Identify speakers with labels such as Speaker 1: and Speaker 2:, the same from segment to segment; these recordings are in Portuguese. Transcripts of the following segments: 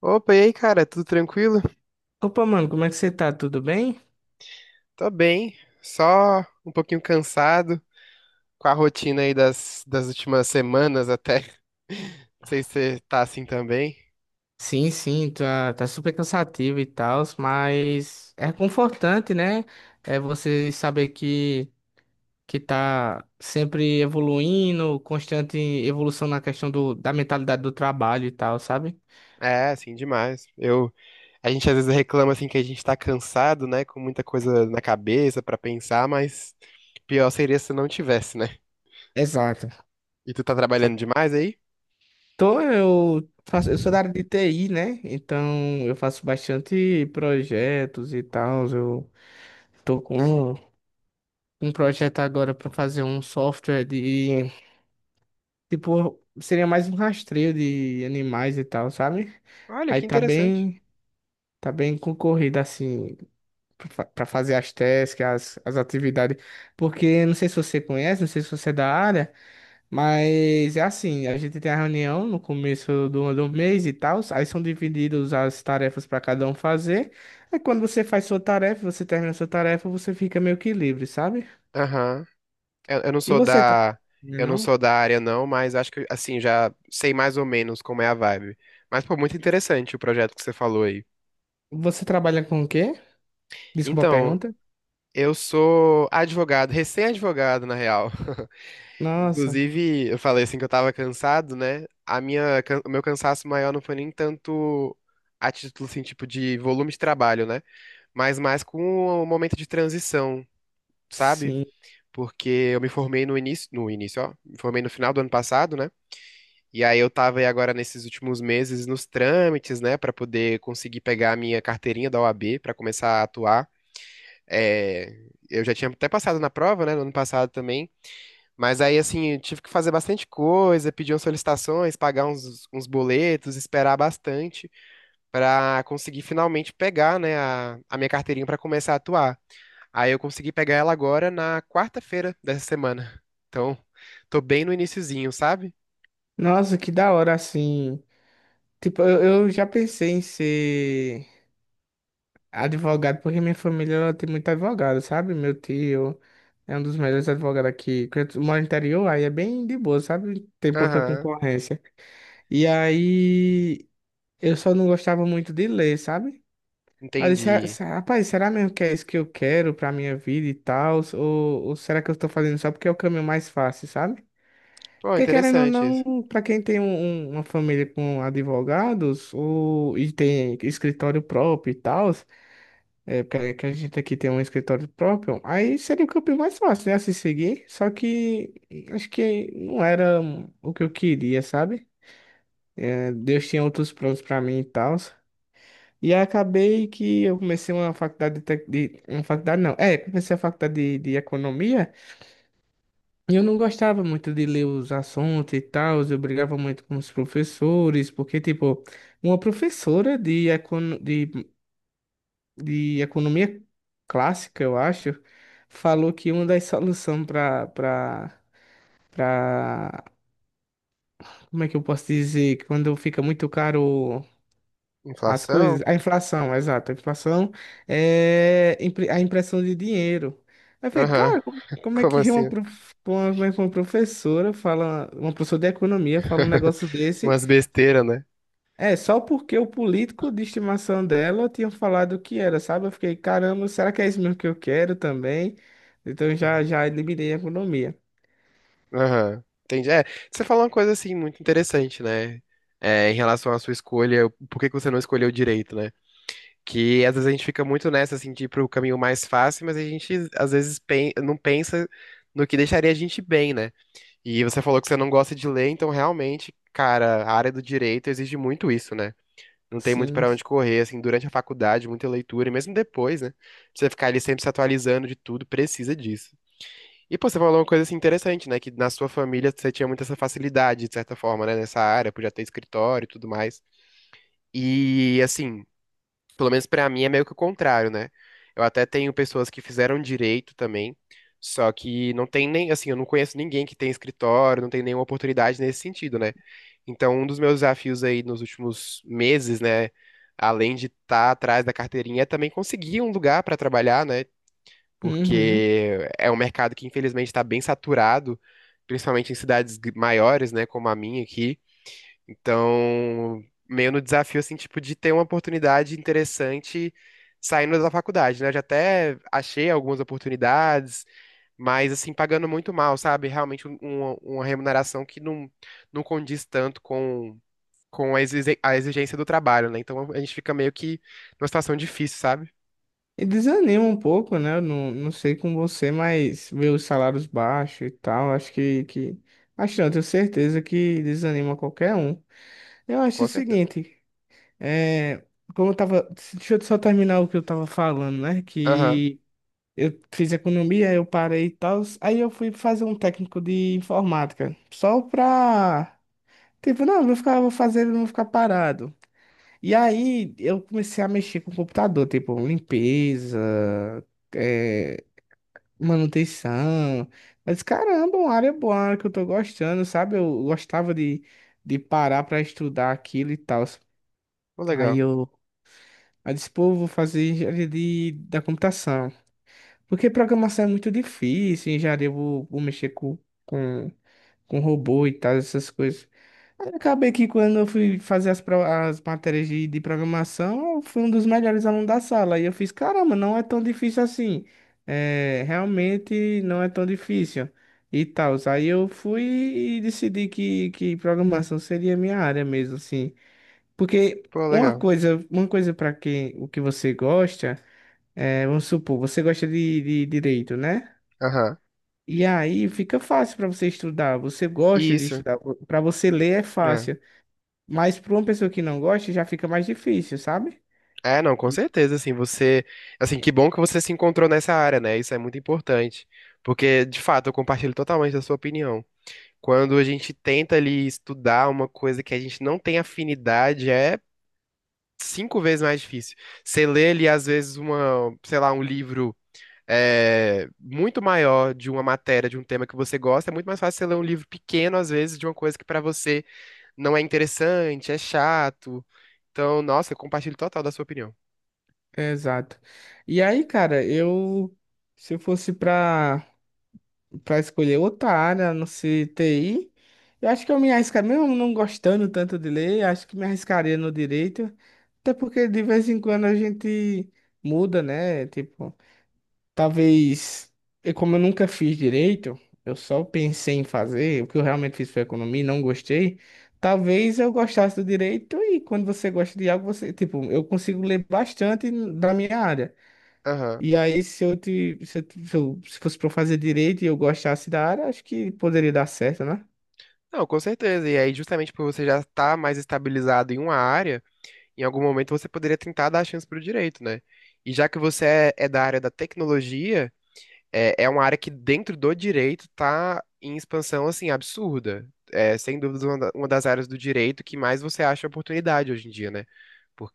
Speaker 1: Opa, e aí, cara, tudo tranquilo?
Speaker 2: Opa, mano, como é que você tá? Tudo bem?
Speaker 1: Tô bem, só um pouquinho cansado com a rotina aí das últimas semanas até. Não sei se você tá assim também.
Speaker 2: Sim, tá super cansativo e tal, mas é confortante, né? É você saber que tá sempre evoluindo, constante evolução na questão da mentalidade do trabalho e tal, sabe?
Speaker 1: É, assim, demais. A gente às vezes reclama assim que a gente tá cansado, né, com muita coisa na cabeça pra pensar, mas pior seria se não tivesse, né?
Speaker 2: Exato.
Speaker 1: E tu tá trabalhando
Speaker 2: Exato.
Speaker 1: demais aí?
Speaker 2: Então, eu sou da área de TI, né? Então, eu faço bastante projetos e tal. Eu tô com um um projeto agora para fazer um software de tipo, seria mais um rastreio de animais e tal, sabe?
Speaker 1: Olha,
Speaker 2: Aí
Speaker 1: que
Speaker 2: tá
Speaker 1: interessante.
Speaker 2: bem, tá bem concorrido assim pra fazer as tasks, as atividades. Porque não sei se você conhece, não sei se você é da área, mas é assim, a gente tem a reunião no começo do mês e tal, aí são divididos as tarefas pra cada um fazer. Aí quando você faz sua tarefa, você termina sua tarefa, você fica meio que livre, sabe?
Speaker 1: Aham. Eu, eu não
Speaker 2: E
Speaker 1: sou
Speaker 2: você, tra-
Speaker 1: da,
Speaker 2: não? é
Speaker 1: eu não
Speaker 2: não?
Speaker 1: sou da área não, mas acho que assim já sei mais ou menos como é a vibe. Mas pô, muito interessante o projeto que você falou aí.
Speaker 2: Você trabalha com o quê? Desculpa a
Speaker 1: Então,
Speaker 2: pergunta.
Speaker 1: eu sou advogado, recém-advogado na real.
Speaker 2: Nossa.
Speaker 1: Inclusive, eu falei assim que eu tava cansado, né? O meu cansaço maior não foi nem tanto a título assim, tipo de volume de trabalho, né? Mas mais com o momento de transição, sabe?
Speaker 2: Sim.
Speaker 1: Porque eu me formei no início, ó, me formei no final do ano passado, né? E aí eu tava aí agora nesses últimos meses nos trâmites, né, pra poder conseguir pegar a minha carteirinha da OAB pra começar a atuar. É, eu já tinha até passado na prova, né, no ano passado também, mas aí assim, eu tive que fazer bastante coisa, pedir umas solicitações, pagar uns boletos, esperar bastante pra conseguir finalmente pegar, né, a minha carteirinha pra começar a atuar. Aí eu consegui pegar ela agora na quarta-feira dessa semana. Então, tô bem no iniciozinho, sabe?
Speaker 2: Nossa, que da hora, assim. Tipo, eu já pensei em ser advogado, porque minha família ela tem muito advogado, sabe? Meu tio é um dos melhores advogados aqui. Quando eu moro no interior, aí é bem de boa, sabe? Tem pouca
Speaker 1: Aham,
Speaker 2: concorrência. E aí, eu só não gostava muito de ler, sabe? Aí eu disse, "Ah,
Speaker 1: entendi.
Speaker 2: rapaz, será mesmo que é isso que eu quero pra minha vida e tal? Ou será que eu tô fazendo só porque é o caminho mais fácil, sabe?
Speaker 1: Pô,
Speaker 2: Porque querendo ou
Speaker 1: interessante isso.
Speaker 2: não, para quem tem uma família com advogados e tem escritório próprio e tal, é, que a gente aqui tem um escritório próprio, aí seria o caminho mais fácil, né, a se seguir. Só que acho que não era o que eu queria, sabe? É, Deus tinha outros planos para mim e tal. E aí acabei que eu comecei uma faculdade uma faculdade não, é, comecei a faculdade de economia. Eu não gostava muito de ler os assuntos e tal, eu brigava muito com os professores, porque, tipo, uma professora de economia clássica, eu acho, falou que uma das soluções para, como é que eu posso dizer, quando fica muito caro as coisas,
Speaker 1: Inflação?
Speaker 2: a inflação, exato. A inflação a impressão de dinheiro. Aí eu falei,
Speaker 1: Aham.
Speaker 2: cara, como é
Speaker 1: Como
Speaker 2: que
Speaker 1: assim?
Speaker 2: como é que uma professora fala, uma professora de economia fala um negócio desse?
Speaker 1: Umas besteiras, né?
Speaker 2: É, só porque o político de estimação dela tinha falado o que era, sabe? Eu fiquei, caramba, será que é isso mesmo que eu quero também? Então já eliminei a economia.
Speaker 1: Aham. Entendi. É, você falou uma coisa assim muito interessante, né? É, em relação à sua escolha, por que que você não escolheu direito, né? Que às vezes a gente fica muito nessa, assim, de ir pro caminho mais fácil, mas a gente não pensa no que deixaria a gente bem, né? E você falou que você não gosta de ler, então realmente, cara, a área do direito exige muito isso, né? Não tem muito
Speaker 2: Sim.
Speaker 1: pra onde correr, assim, durante a faculdade, muita leitura, e mesmo depois, né? Pra você ficar ali sempre se atualizando de tudo, precisa disso. E, pô, você falou uma coisa, assim, interessante, né? Que na sua família você tinha muita essa facilidade, de certa forma, né? Nessa área, por já ter escritório e tudo mais. E, assim, pelo menos pra mim é meio que o contrário, né? Eu até tenho pessoas que fizeram direito também, só que não tem nem, assim, eu não conheço ninguém que tem escritório, não tem nenhuma oportunidade nesse sentido, né? Então, um dos meus desafios aí nos últimos meses, né, além de estar atrás da carteirinha, é também conseguir um lugar para trabalhar, né?
Speaker 2: Uhum.
Speaker 1: Porque é um mercado que infelizmente está bem saturado, principalmente em maiores, né, como a minha aqui. Então, meio no desafio, assim, tipo, de ter uma oportunidade interessante saindo da faculdade, né? Eu já até achei algumas oportunidades, mas, assim, pagando muito mal, sabe? Realmente uma remuneração que não condiz tanto com a a exigência do trabalho, né? Então, a gente fica meio que numa situação difícil, sabe?
Speaker 2: E desanima um pouco, né? Eu não, não sei com você, mas ver os salários baixos e tal, acho que... Acho não, tenho certeza que desanima qualquer um. Eu acho o
Speaker 1: Com certeza.
Speaker 2: seguinte, é... Como eu tava... Deixa eu só terminar o que eu tava falando, né?
Speaker 1: Aham.
Speaker 2: Que eu fiz economia, eu parei e tal, aí eu fui fazer um técnico de informática, só pra... Tipo, não, eu vou fazer, eu não vou ficar parado. E aí eu comecei a mexer com o computador, tipo, limpeza é, manutenção. Mas caramba, uma área boa, uma área que eu tô gostando, sabe? Eu gostava de parar pra estudar aquilo e tal.
Speaker 1: Pô,
Speaker 2: Aí
Speaker 1: legal.
Speaker 2: eu, aí disse, pô, eu vou fazer engenharia da computação. Porque programação é muito difícil, engenharia vou mexer com, com robô e tal, essas coisas. Aí acabei que quando eu fui fazer as matérias de programação, eu fui um dos melhores alunos da sala. E eu fiz, caramba, não é tão difícil assim. É, realmente não é tão difícil. E tal. Aí eu fui e decidi que programação seria a minha área mesmo, assim. Porque
Speaker 1: Pô, legal.
Speaker 2: uma coisa para quem o que você gosta, é, vamos supor, você gosta de direito, né?
Speaker 1: Aham.
Speaker 2: E aí fica fácil para você estudar. Você gosta de
Speaker 1: Isso.
Speaker 2: estudar. Para você ler é
Speaker 1: É.
Speaker 2: fácil. Mas para uma pessoa que não gosta, já fica mais difícil, sabe?
Speaker 1: É, não, com
Speaker 2: E-
Speaker 1: certeza, assim, você, assim, que bom que você se encontrou nessa área, né? Isso é muito importante, porque de fato eu compartilho totalmente da sua opinião. Quando a gente tenta ali estudar uma coisa que a gente não tem afinidade, é 5 vezes mais difícil. Você lê ali às vezes uma, sei lá, um livro é, muito maior de uma matéria, de um tema que você gosta, é muito mais fácil você ler um livro pequeno às vezes de uma coisa que pra você não é interessante, é chato. Então, nossa, eu compartilho total da sua opinião.
Speaker 2: Exato. E aí, cara, eu se eu fosse pra para escolher outra área, não sei, TI, eu acho que eu me arriscaria, mesmo não gostando tanto de ler, acho que me arriscaria no direito, até porque de vez em quando a gente muda, né? Tipo, talvez, e como eu nunca fiz direito, eu só pensei em fazer, o que eu realmente fiz foi economia, e não gostei. Talvez eu gostasse do direito e quando você gosta de algo, você, tipo, eu consigo ler bastante da minha área.
Speaker 1: Aham.
Speaker 2: E aí, se eu te, se eu, te- se eu- se fosse para fazer direito e eu gostasse da área, acho que poderia dar certo, né?
Speaker 1: Não, com certeza. E aí, justamente por você já estar mais estabilizado em uma área, em algum momento você poderia tentar dar a chance para o direito, né? E já que é da área da tecnologia, é, é uma área que dentro do direito tá em expansão, assim, absurda. É, sem dúvidas, uma das áreas do direito que mais você acha oportunidade hoje em dia, né?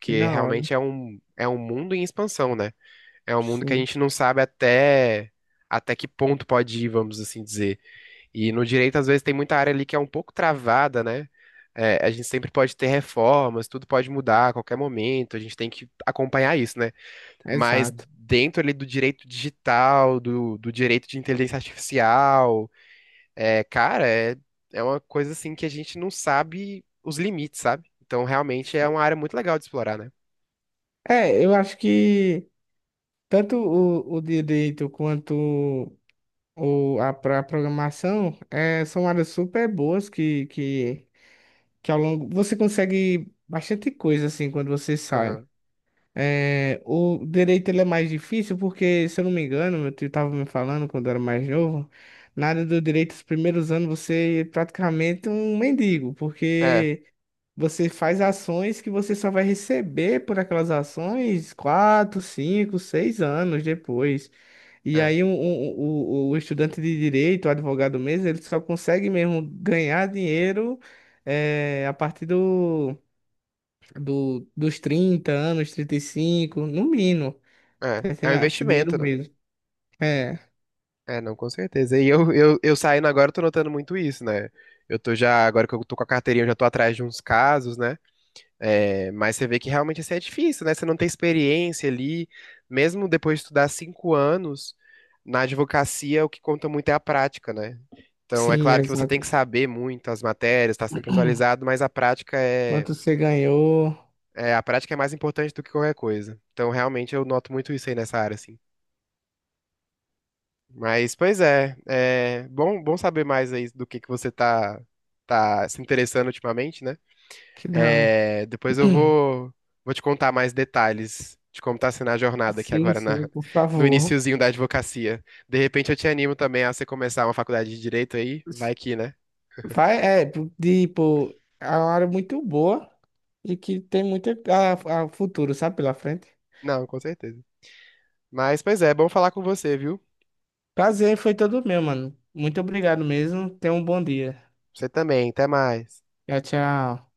Speaker 2: Que da hora.
Speaker 1: realmente é um mundo em expansão, né? É um mundo que a
Speaker 2: Sim,
Speaker 1: gente não sabe até que ponto pode ir, vamos assim dizer. E no direito, às vezes, tem muita área ali que é um pouco travada, né? É, a gente sempre pode ter reformas, tudo pode mudar a qualquer momento, a gente tem que acompanhar isso, né? Mas
Speaker 2: exato.
Speaker 1: dentro ali do direito digital, do direito de inteligência artificial, é, cara, é, é uma coisa assim que a gente não sabe os limites, sabe? Então, realmente é uma área muito legal de explorar, né?
Speaker 2: É, eu acho que tanto o direito quanto ou pra programação é, são áreas super boas que ao longo você consegue bastante coisa assim quando você sai.
Speaker 1: Aham.
Speaker 2: É, o direito ele é mais difícil porque, se eu não me engano, meu tio estava me falando quando eu era mais novo, na área do direito, os primeiros anos você é praticamente um mendigo,
Speaker 1: É,
Speaker 2: porque você faz ações que você só vai receber por aquelas ações 4, 5, 6 anos depois. E
Speaker 1: é,
Speaker 2: aí o estudante de direito, o advogado mesmo, ele só consegue mesmo ganhar dinheiro eh, a partir dos 30 anos, 35 no mínimo.
Speaker 1: é.
Speaker 2: Tá
Speaker 1: É um
Speaker 2: entendendo? Assim, dinheiro
Speaker 1: investimento, né?
Speaker 2: mesmo. É,
Speaker 1: É, não, com certeza. Eu saindo agora, eu tô notando muito isso, né? Eu tô já, agora que eu tô com a carteirinha, eu já tô atrás de uns casos, né? É, mas você vê que realmente assim, é difícil, né? Você não tem experiência ali. Mesmo depois de estudar 5 anos, na advocacia o que conta muito é a prática, né? Então, é
Speaker 2: sim,
Speaker 1: claro que você tem que
Speaker 2: exato.
Speaker 1: saber muito as matérias, tá sempre atualizado, mas a prática é,
Speaker 2: Quanto você ganhou?
Speaker 1: é, a prática é mais importante do que qualquer coisa. Então, realmente, eu noto muito isso aí nessa área, assim. Mas, pois é, é bom, bom saber mais aí do que você tá, tá se interessando ultimamente, né?
Speaker 2: Que dá.
Speaker 1: É, depois eu vou, vou te contar mais detalhes de como tá sendo a jornada aqui
Speaker 2: Sim,
Speaker 1: agora na,
Speaker 2: sim, por
Speaker 1: no
Speaker 2: favor.
Speaker 1: iniciozinho da advocacia. De repente eu te animo também a você começar uma faculdade de direito aí, vai que, né?
Speaker 2: Vai, é, tipo, é uma área muito boa e que tem muito a futuro, sabe, pela frente.
Speaker 1: Não, com certeza. Mas, pois é, bom falar com você, viu?
Speaker 2: Prazer foi todo meu, mano. Muito obrigado mesmo. Tenha um bom dia.
Speaker 1: Você também, até mais.
Speaker 2: Tchau, tchau.